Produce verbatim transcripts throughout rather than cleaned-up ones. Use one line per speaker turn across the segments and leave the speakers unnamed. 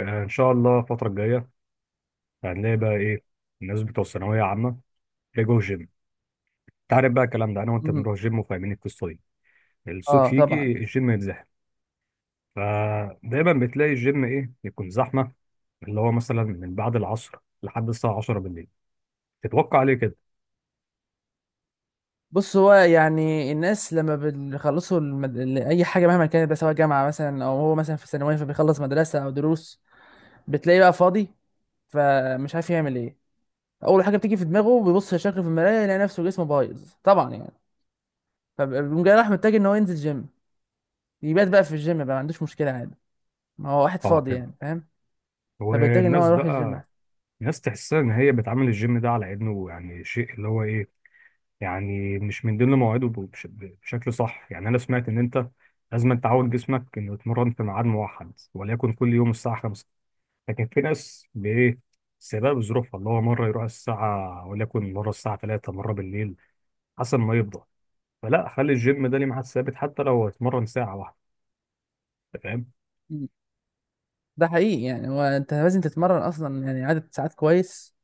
آه، ان شاء الله الفتره الجايه هنلاقي بقى ايه. الناس بتوع الثانويه عامه بيجوا الجيم. انت عارف بقى الكلام ده، انا وانت
مم.
بنروح الجيم وفاهمين القصه دي. الصيف
اه طبعا.
يجي الجيم يتزحم، فدايما بتلاقي الجيم ايه يكون زحمه، اللي هو مثلا من بعد العصر لحد الساعه عشرة بالليل. تتوقع ليه كده؟
بص، هو يعني الناس لما بيخلصوا المد... ال- اي حاجه مهما كانت بقى، سواء جامعه مثلا او هو مثلا في ثانويه فبيخلص مدرسه او دروس، بتلاقيه بقى فاضي، فمش عارف يعمل ايه. اول حاجه بتيجي في دماغه بيبص لشكله في المرايه، يلاقي نفسه جسمه بايظ طبعا يعني. فبيقوم جاي راح محتاج ان هو ينزل جيم، يبات بقى في الجيم بقى، ما عندوش مشكله عادي. ما هو واحد
اه
فاضي
فهمت.
يعني، فاهم؟ فبيحتاج ان هو
والناس
يروح الجيم.
بقى، ناس تحسها ان هي بتعامل الجيم ده على انه يعني شيء اللي هو ايه، يعني مش من ضمن مواعيده بش- بشكل صح. يعني انا سمعت ان انت لازم تعود جسمك انه يتمرن في ميعاد موحد، وليكن كل يوم الساعه الخامسة. لكن في ناس بايه، سبب ظروفها اللي هو مره يروح الساعه وليكن مره الساعه ثلاثة، مره بالليل، حسب ما يفضى. فلا، خلي الجيم ده ليه ميعاد ثابت حتى لو هيتمرن ساعه واحده. أنت فاهم.
مم. ده حقيقي يعني، هو انت لازم تتمرن اصلا يعني عدد ساعات كويس،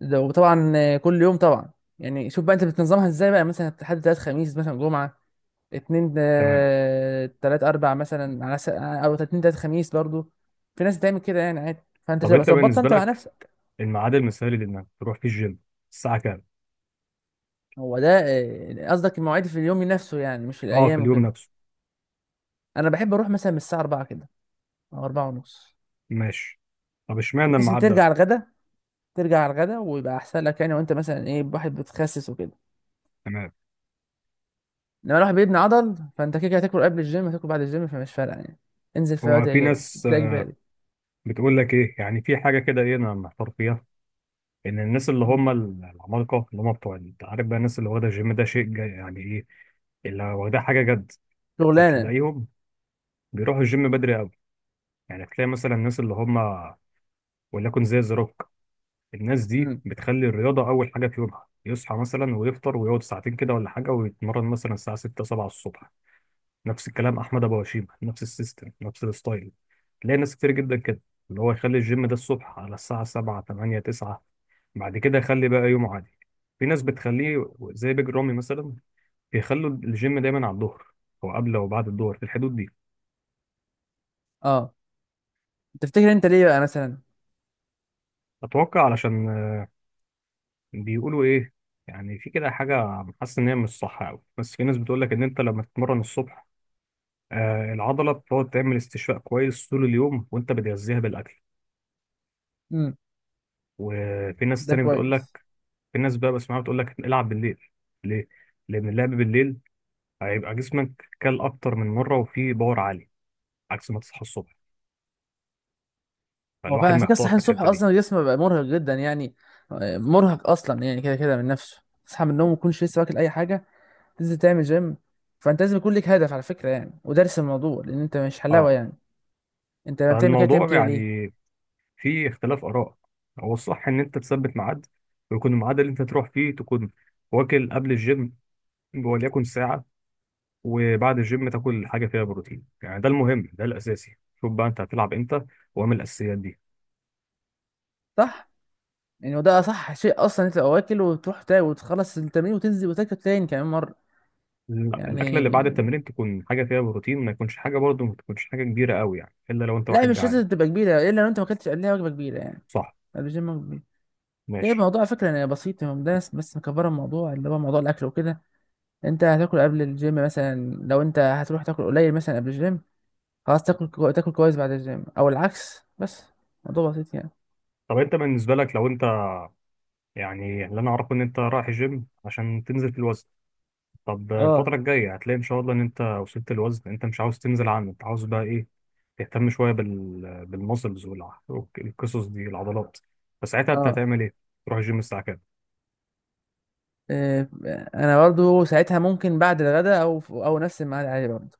ده وطبعا كل يوم طبعا. يعني شوف بقى انت بتنظمها ازاي بقى، مثلا حد تلات خميس مثلا جمعة، اتنين
تمام.
آه، تلات اربع، مثلا على س... او اتنين تلات خميس برضو. في ناس بتعمل كده يعني عادي، فانت
طب
تبقى
انت
ظبطها
بالنسبه
انت مع
لك،
نفسك.
الميعاد المثالي لانك تروح فيه الجيم الساعه كام؟
هو ده آه، قصدك المواعيد في اليوم نفسه يعني، مش
اه، في
الايام
اليوم
وكده؟
نفسه.
انا بحب اروح مثلا من الساعة أربعة كده او أربعة ونص،
ماشي، طب اشمعنى
بحيث ان
الميعاد ده؟
ترجع على الغدا. ترجع على الغدا ويبقى احسن لك يعني، وانت مثلا ايه، واحد بتخسس وكده.
تمام.
لما الواحد بيبني عضل فانت كده كده هتاكل قبل الجيم، هتاكل بعد الجيم، فمش فارقه يعني. انزل في أي
هو
وقت
في
يعجبك،
ناس
ده اجباري.
بتقول لك ايه، يعني في حاجه كده ايه انا محتار فيها، ان الناس اللي
مم.
هم ال- العمالقه اللي هم بتوع ال- انت عارف بقى، الناس اللي واخده الجيم ده شيء جا- يعني ايه، اللي واخداه حاجه جد.
شغلانه.
فتلاقيهم بيروحوا الجيم بدري قوي. يعني تلاقي مثلا الناس اللي هم وليكن زي زروك، الناس دي
امم.
بتخلي الرياضه اول حاجه في يومها. يصحى مثلا ويفطر ويقعد ساعتين كده ولا حاجه، ويتمرن مثلا الساعه ستة سبعة الصبح. نفس الكلام احمد ابو هشيمه، نفس السيستم نفس الستايل. تلاقي ناس كتير جدا كده اللي هو يخلي الجيم ده الصبح على الساعه سبعة ثمانية تسعة، بعد كده خلي بقى يوم عادي. في ناس بتخليه زي بيج رامي مثلا، بيخلوا الجيم دايما على الظهر، او قبل او بعد الظهر في الحدود دي.
اه. تفتكر انت ليه بقى مثلا؟
اتوقع علشان آه، بيقولوا ايه، يعني في كده حاجه حاسس ان هي مش صح قوي، بس في ناس بتقول لك ان انت لما تتمرن الصبح آه، العضله بتقعد تعمل استشفاء كويس طول اليوم وانت بتغذيها بالاكل.
امم.
وفي ناس
ده
تانية بتقول
كويس.
لك، في ناس بقى بسمعها بتقول لك العب بالليل. ليه؟ لان اللعب بالليل هيبقى جسمك كل اكتر من مره وفيه باور عالي، عكس ما تصحى الصبح.
هو فعلا
فالواحد
على فكره
محتار
الصحيان
في
الصبح
الحتة دي.
اصلا الجسم بيبقى مرهق جدا يعني. آه، مرهق اصلا يعني، كده كده من نفسه تصحى من النوم ما تكونش لسه واكل اي حاجه، تنزل تعمل جيم. فانت لازم يكون ليك هدف على فكره يعني، ودارس الموضوع، لان انت مش حلاوه
اه.
يعني. انت لما بتعمل كده بتعمل
فالموضوع
كده ليه؟
يعني فيه اختلاف آراء. هو الصح إن أنت تثبت ميعاد، ويكون الميعاد اللي أنت تروح فيه تكون واكل قبل الجيم، وليكن ساعة، وبعد الجيم تاكل حاجة فيها بروتين. يعني ده المهم، ده الأساسي. شوف بقى أنت هتلعب إمتى، واعمل الأساسيات دي.
صح، يعني وده اصح شيء اصلا، انت تبقى واكل وتروح تا- وتخلص التمرين وتنزل وتاكل تاني كمان مره
ال- الأكلة اللي بعد
يعني.
التمرين تكون حاجة فيها بروتين، ما يكونش حاجة، برضه ما تكونش حاجة كبيرة قوي يعني، إلا لو أنت
لا،
واحد
مش
جعان.
لازم تبقى كبيره، الا لو انت ما اكلتش قبلها وجبه كبيره يعني.
صح.
الجيم وجبه كبيره. هي
ماشي.
الموضوع على فكره يعني بسيط يعني، ده ناس بس مكبره الموضوع، اللي هو موضوع الاكل وكده. انت هتاكل قبل الجيم مثلا، لو انت هتروح تاكل قليل مثلا قبل الجيم، خلاص تاكل كو... تاكل كويس بعد الجيم، او العكس. بس موضوع بسيط يعني.
طب أنت بالنسبة لك لو أنت، يعني اللي أنا أعرفه إن أنت رايح الجيم عشان تنزل في الوزن، طب
اه.
الفترة الجاية هتلاقي إن شاء الله إن أنت وصلت الوزن أنت مش عاوز تنزل عنه، أنت عاوز بقى إيه؟ تهتم شوية بال بالمسلز والقصص دي، العضلات. فساعتها أنت
اه.
هتعمل إيه؟ تروح الجيم الساعة كام؟
إيه، انا برضو ساعتها ممكن بعد الغداء او او نفس الميعاد عادي برضو.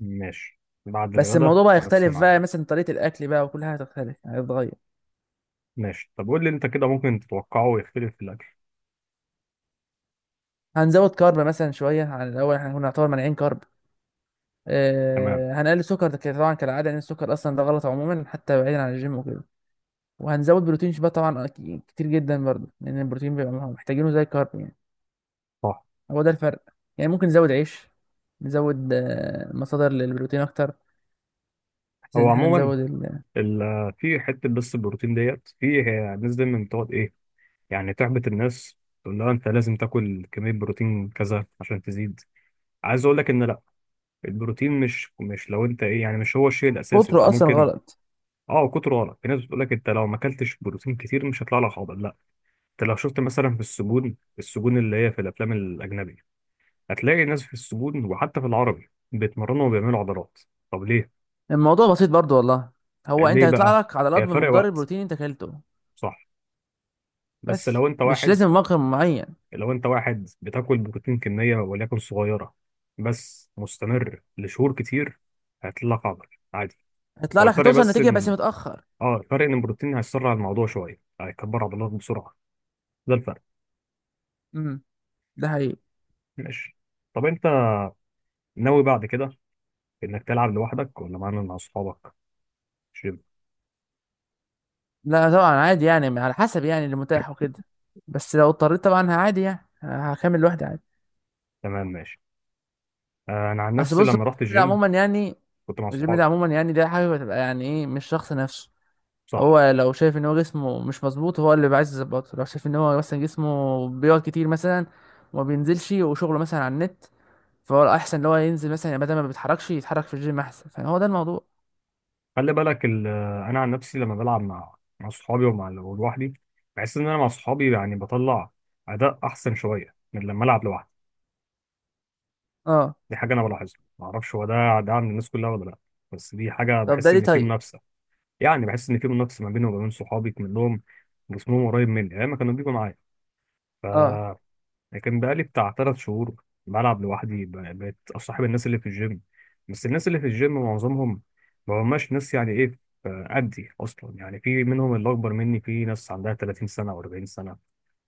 ماشي، بعد
بس
الغدا
الموضوع بقى
ونفس
يختلف بقى،
الميعاد.
مثلا طريقة الأكل بقى وكل حاجة هتختلف هتتغير.
ماشي، طب قول لي أنت كده ممكن تتوقعه يختلف في الأكل.
هنزود كارب مثلا شوية عن الأول، احنا كنا نعتبر مانعين كارب.
تمام.
آه، هنقلل سكر ده كده طبعا كالعادة، لأن السكر أصلا ده غلط عموما حتى بعيدا عن الجيم وكده. وهنزود بروتين بقى طبعا أكي- كتير جدا برضه، لأن البروتين بيبقى محتاجينه زي الكارب يعني.
صح.
هو ده الفرق. يعني ممكن نزود عيش، نزود آه، مصادر للبروتين أكتر، بحيث
هو
إن احنا
عموما
نزود ال-.
ال- في حتة بس، البروتين ديت، في ناس دايما بتقعد إيه، يعني تحبط الناس، تقول لها أنت لازم تاكل كمية بروتين كذا عشان تزيد. عايز أقول لك إن البروتين مش مش لو انت ايه، يعني مش هو الشيء الاساسي، انت
كتره أصلا
ممكن.
غلط.
اه، كتره غلط. في ناس بتقول لك انت لو ما اكلتش بروتين كتير مش هيطلع لك، حاضر لا، انت لو شفت مثلا في السجون، السجون اللي هي في الافلام الاجنبي، هتلاقي الناس في السجون وحتى في العربي بيتمرنوا وبيعملوا عضلات. طب ليه؟
الموضوع بسيط برضه والله، هو أنت
ليه
هيطلع
بقى؟
لك عضلات
هي فرق
بمقدار
وقت،
البروتين أنت أكلته.
صح، بس
بس
لو انت
مش
واحد،
لازم مقر معين.
لو انت واحد بتاكل بروتين كميه وليكن صغيره، بس مستمر لشهور كتير، هيطلع لك عضل عادي.
هيطلع
هو
لك،
الفرق
هتوصل
بس
نتيجة بس
ان،
متأخر.
اه الفرق ان البروتين هيسرع الموضوع شويه، هيكبر عضلات بسرعه، ده الفرق.
امم. ده حقيقي.
ماشي. طب انت ناوي بعد كده انك تلعب لوحدك، ولا معانا مع اصحابك جيم؟
لا طبعا عادي يعني، على حسب يعني اللي متاح وكده. بس لو اضطريت طبعا عادي يعني هكمل لوحدي عادي.
تمام ماشي. آه، انا عن
اصل
نفسي
بص
لما رحت
الجيم ده
الجيم
عموما يعني،
كنت مع
الجيم ده
اصحابي.
عموما يعني ده حاجة بتبقى يعني ايه، مش شخص نفسه.
صح.
هو لو شايف ان هو جسمه مش مظبوط، هو اللي بيبقى عايز يظبطه. لو شايف ان هو مثلا جسمه بيقعد كتير مثلا وما بينزلش، وشغله مثلا على النت، فهو الاحسن ان هو ينزل مثلا يعني، بدل ما بيتحركش يتحرك في الجيم احسن، فهو ده الموضوع.
خلي بالك ال- آه، انا عن نفسي لما بلعب مع مع اصحابي ومع لوحدي، بحس ان انا مع اصحابي يعني بطلع اداء احسن شويه من لما العب لوحدي.
اه.
دي حاجه انا بلاحظها، ما اعرفش هو ده ده عند الناس كلها ولا لا، بس دي حاجه
طب
بحس
ده ليه
ان في
طيب؟
منافسه. يعني بحس ان في منافسه ما بيني وما بين صحابي كلهم، جسمهم قريب مني ايام ما كانوا بيجوا معايا. ف،
اه.
لكن بقالي بتاع ثلاث شهور بلعب لوحدي، ب- بقيت اصاحب الناس اللي في الجيم، بس الناس اللي في الجيم معظمهم ما هماش ناس يعني ايه، آه، قدي اصلا. يعني في منهم اللي اكبر مني، في ناس عندها ثلاثين سنه و40 سنه.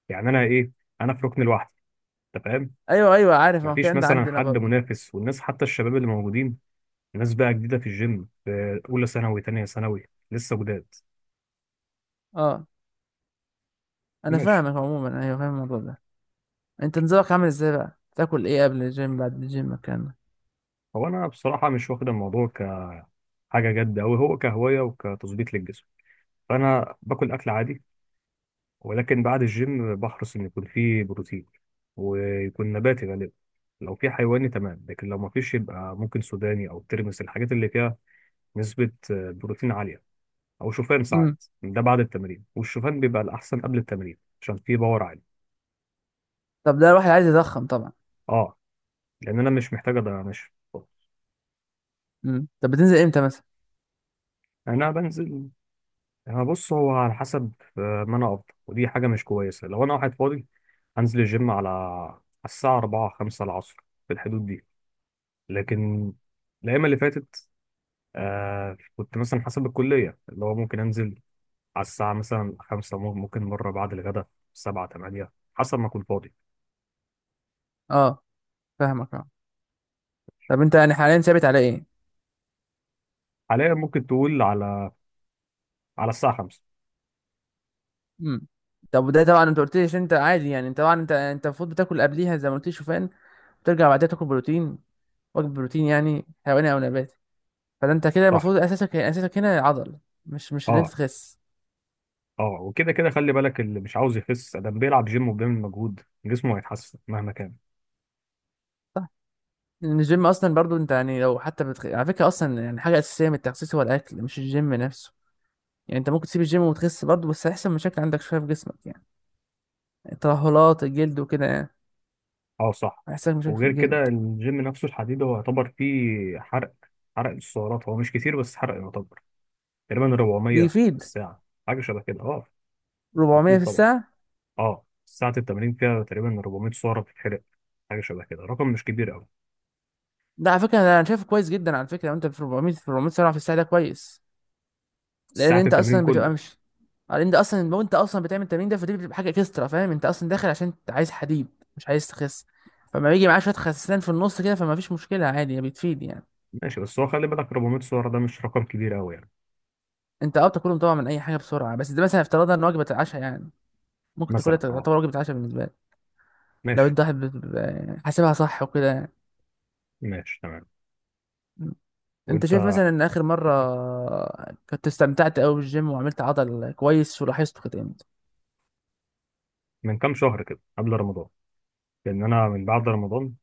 يعني انا ايه، انا في ركن لوحدي. انت فاهم،
ايوه ايوه عارف، ما هو
مفيش
الكلام ده
مثلا
عندنا
حد
برضه.
منافس. والناس حتى الشباب اللي موجودين، ناس بقى جديده في الجيم، في اولى ثانوي تانية ثانوي، لسه جداد.
اه، انا
ماشي.
فاهمك عموما، ايوه فاهم الموضوع ده. انت نظامك عامل ازاي بقى، بتاكل ايه قبل الجيم بعد الجيم الكلام ده؟
هو انا بصراحه مش واخد الموضوع كحاجه جد أوي، هو كهوايه وكتظبيط للجسم. فانا باكل اكل عادي، ولكن بعد الجيم بحرص ان يكون فيه بروتين، ويكون نباتي غالبا. لو في حيواني تمام، لكن لو ما فيش يبقى ممكن سوداني او ترمس، الحاجات اللي فيها نسبه بروتين عاليه. او شوفان
امم.
ساعات، ده بعد التمرين، والشوفان بيبقى الاحسن قبل التمرين عشان فيه باور عالي.
طب ده الواحد عايز يضخم طبعا.
اه، لان انا مش محتاج أضيع- مش.
امم. طب بتنزل امتى مثلا؟
انا بنزل، هو بص هو على حسب، آه، ما انا افضل، ودي حاجه مش كويسه، لو انا واحد فاضي هنزل الجيم على على الساعه اربعة خمسة العصر، في الحدود دي. لكن الايام اللي فاتت آه كنت مثلا حسب الكليه، اللي هو ممكن انزل على الساعه مثلا خمسة، ممكن مره بعد الغداء سبعة ثمانية، حسب ما اكون فاضي.
اه. فاهمك. اه. طب انت يعني حاليا ثابت على ايه؟
حاليا ممكن تقول على، على الساعه الخامسة.
امم. طب ده طبعا، انت قلت لي عشان انت عادي يعني، انت طبعا انت انت المفروض بتاكل قبليها زي ما قلت لي شوفان، وترجع بعدها تاكل بروتين، وجبه بروتين يعني حيواني او نباتي. فده انت كده
صح.
المفروض اساسك اساسك هنا عضل، مش مش اللي انت
اه.
تخس.
اه وكده كده خلي بالك، اللي مش عاوز يخس ده بيلعب جيم وبيعمل مجهود، جسمه هيتحسن مهما كان.
لأن الجيم اصلا برضو انت يعني لو حتى بتخ... على فكره اصلا يعني حاجه اساسيه من التخسيس هو الاكل، مش الجيم نفسه. يعني انت ممكن تسيب الجيم وتخس برضو، بس هيحصل مشاكل عندك شويه في جسمك يعني، ترهلات الجلد وكده يعني.
اه صح.
هيحصل لك مشاكل في
وغير كده
الجلد.
الجيم نفسه، الحديد هو يعتبر فيه حرق، حرق السعرات هو مش كتير بس حرق يعتبر، تقريبا اربعمائة في
بيفيد.
الساعة، حاجة شبه كده، اه،
أربعمائة
مفيد
في
طبعا.
الساعه.
اه، ساعة التمرين فيها تقريبا اربعمية سعرة بتتحرق، حاجة شبه كده، رقم مش كبير قوي.
ده على فكره انا شايفه كويس جدا على فكره، لو انت في أربعمية، في أربعمية سرعه في الساعه، ده كويس. لان
ساعة
انت
التمرين
اصلا بتبقى
كله.
مش، لان ده اصلا لو انت اصلا بتعمل التمرين ده، فدي بتبقى حاجه اكسترا، فاهم؟ انت اصلا داخل عشان انت عايز حديد، مش عايز تخس. فما بيجي معاه شويه خسسان في النص كده، فما فيش مشكله عادي، بتفيد يعني.
ماشي، بس هو خلي بالك اربعمية سعرة ده مش رقم كبير قوي يعني.
انت اه بتاكلهم طبعا من اي حاجه بسرعه، بس ده مثلا افترضنا ان وجبه العشاء يعني، ممكن تاكلها
مثلا اه.
تعتبر وجبه عشاء بالنسبه لك. لو
ماشي.
انت واحد بت- بت- حاسبها صح وكده يعني.
ماشي تمام.
انت
وانت،
شايف مثلا ان اخر مره كنت استمتعت قوي بالجيم وعملت عضل كويس ولاحظته كده امتى؟
من كام شهر كده قبل رمضان، لان انا من بعد رمضان،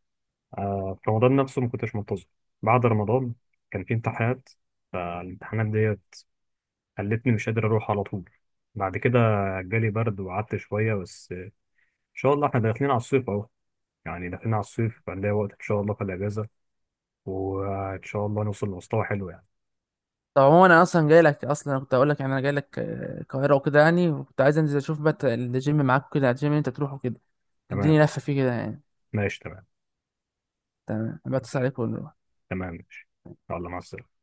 آه، في رمضان نفسه ما كنتش منتظم. بعد رمضان كان في امتحانات، فالامتحانات ديت خلتني مش قادر اروح على طول. بعد كده جالي برد وقعدت شوية، بس ان شاء الله احنا داخلين على الصيف اهو، يعني داخلين على الصيف فنلاقي وقت ان شاء الله في الاجازة، وان شاء الله نوصل لمستوى حلو يعني.
طب عموما انا اصلا جاي لك، اصلا كنت اقول لك يعني انا جاي لك آه، القاهره وكده يعني، وكنت عايز انزل اشوف بقى الجيم معاك كده، الجيم اللي انت بتروحه كده،
تمام.
تديني لفه فيه كده يعني.
ماشي. تمام.
تمام، بتصل عليك ونروح.
تمام ماشي. يلا، مع السلامة.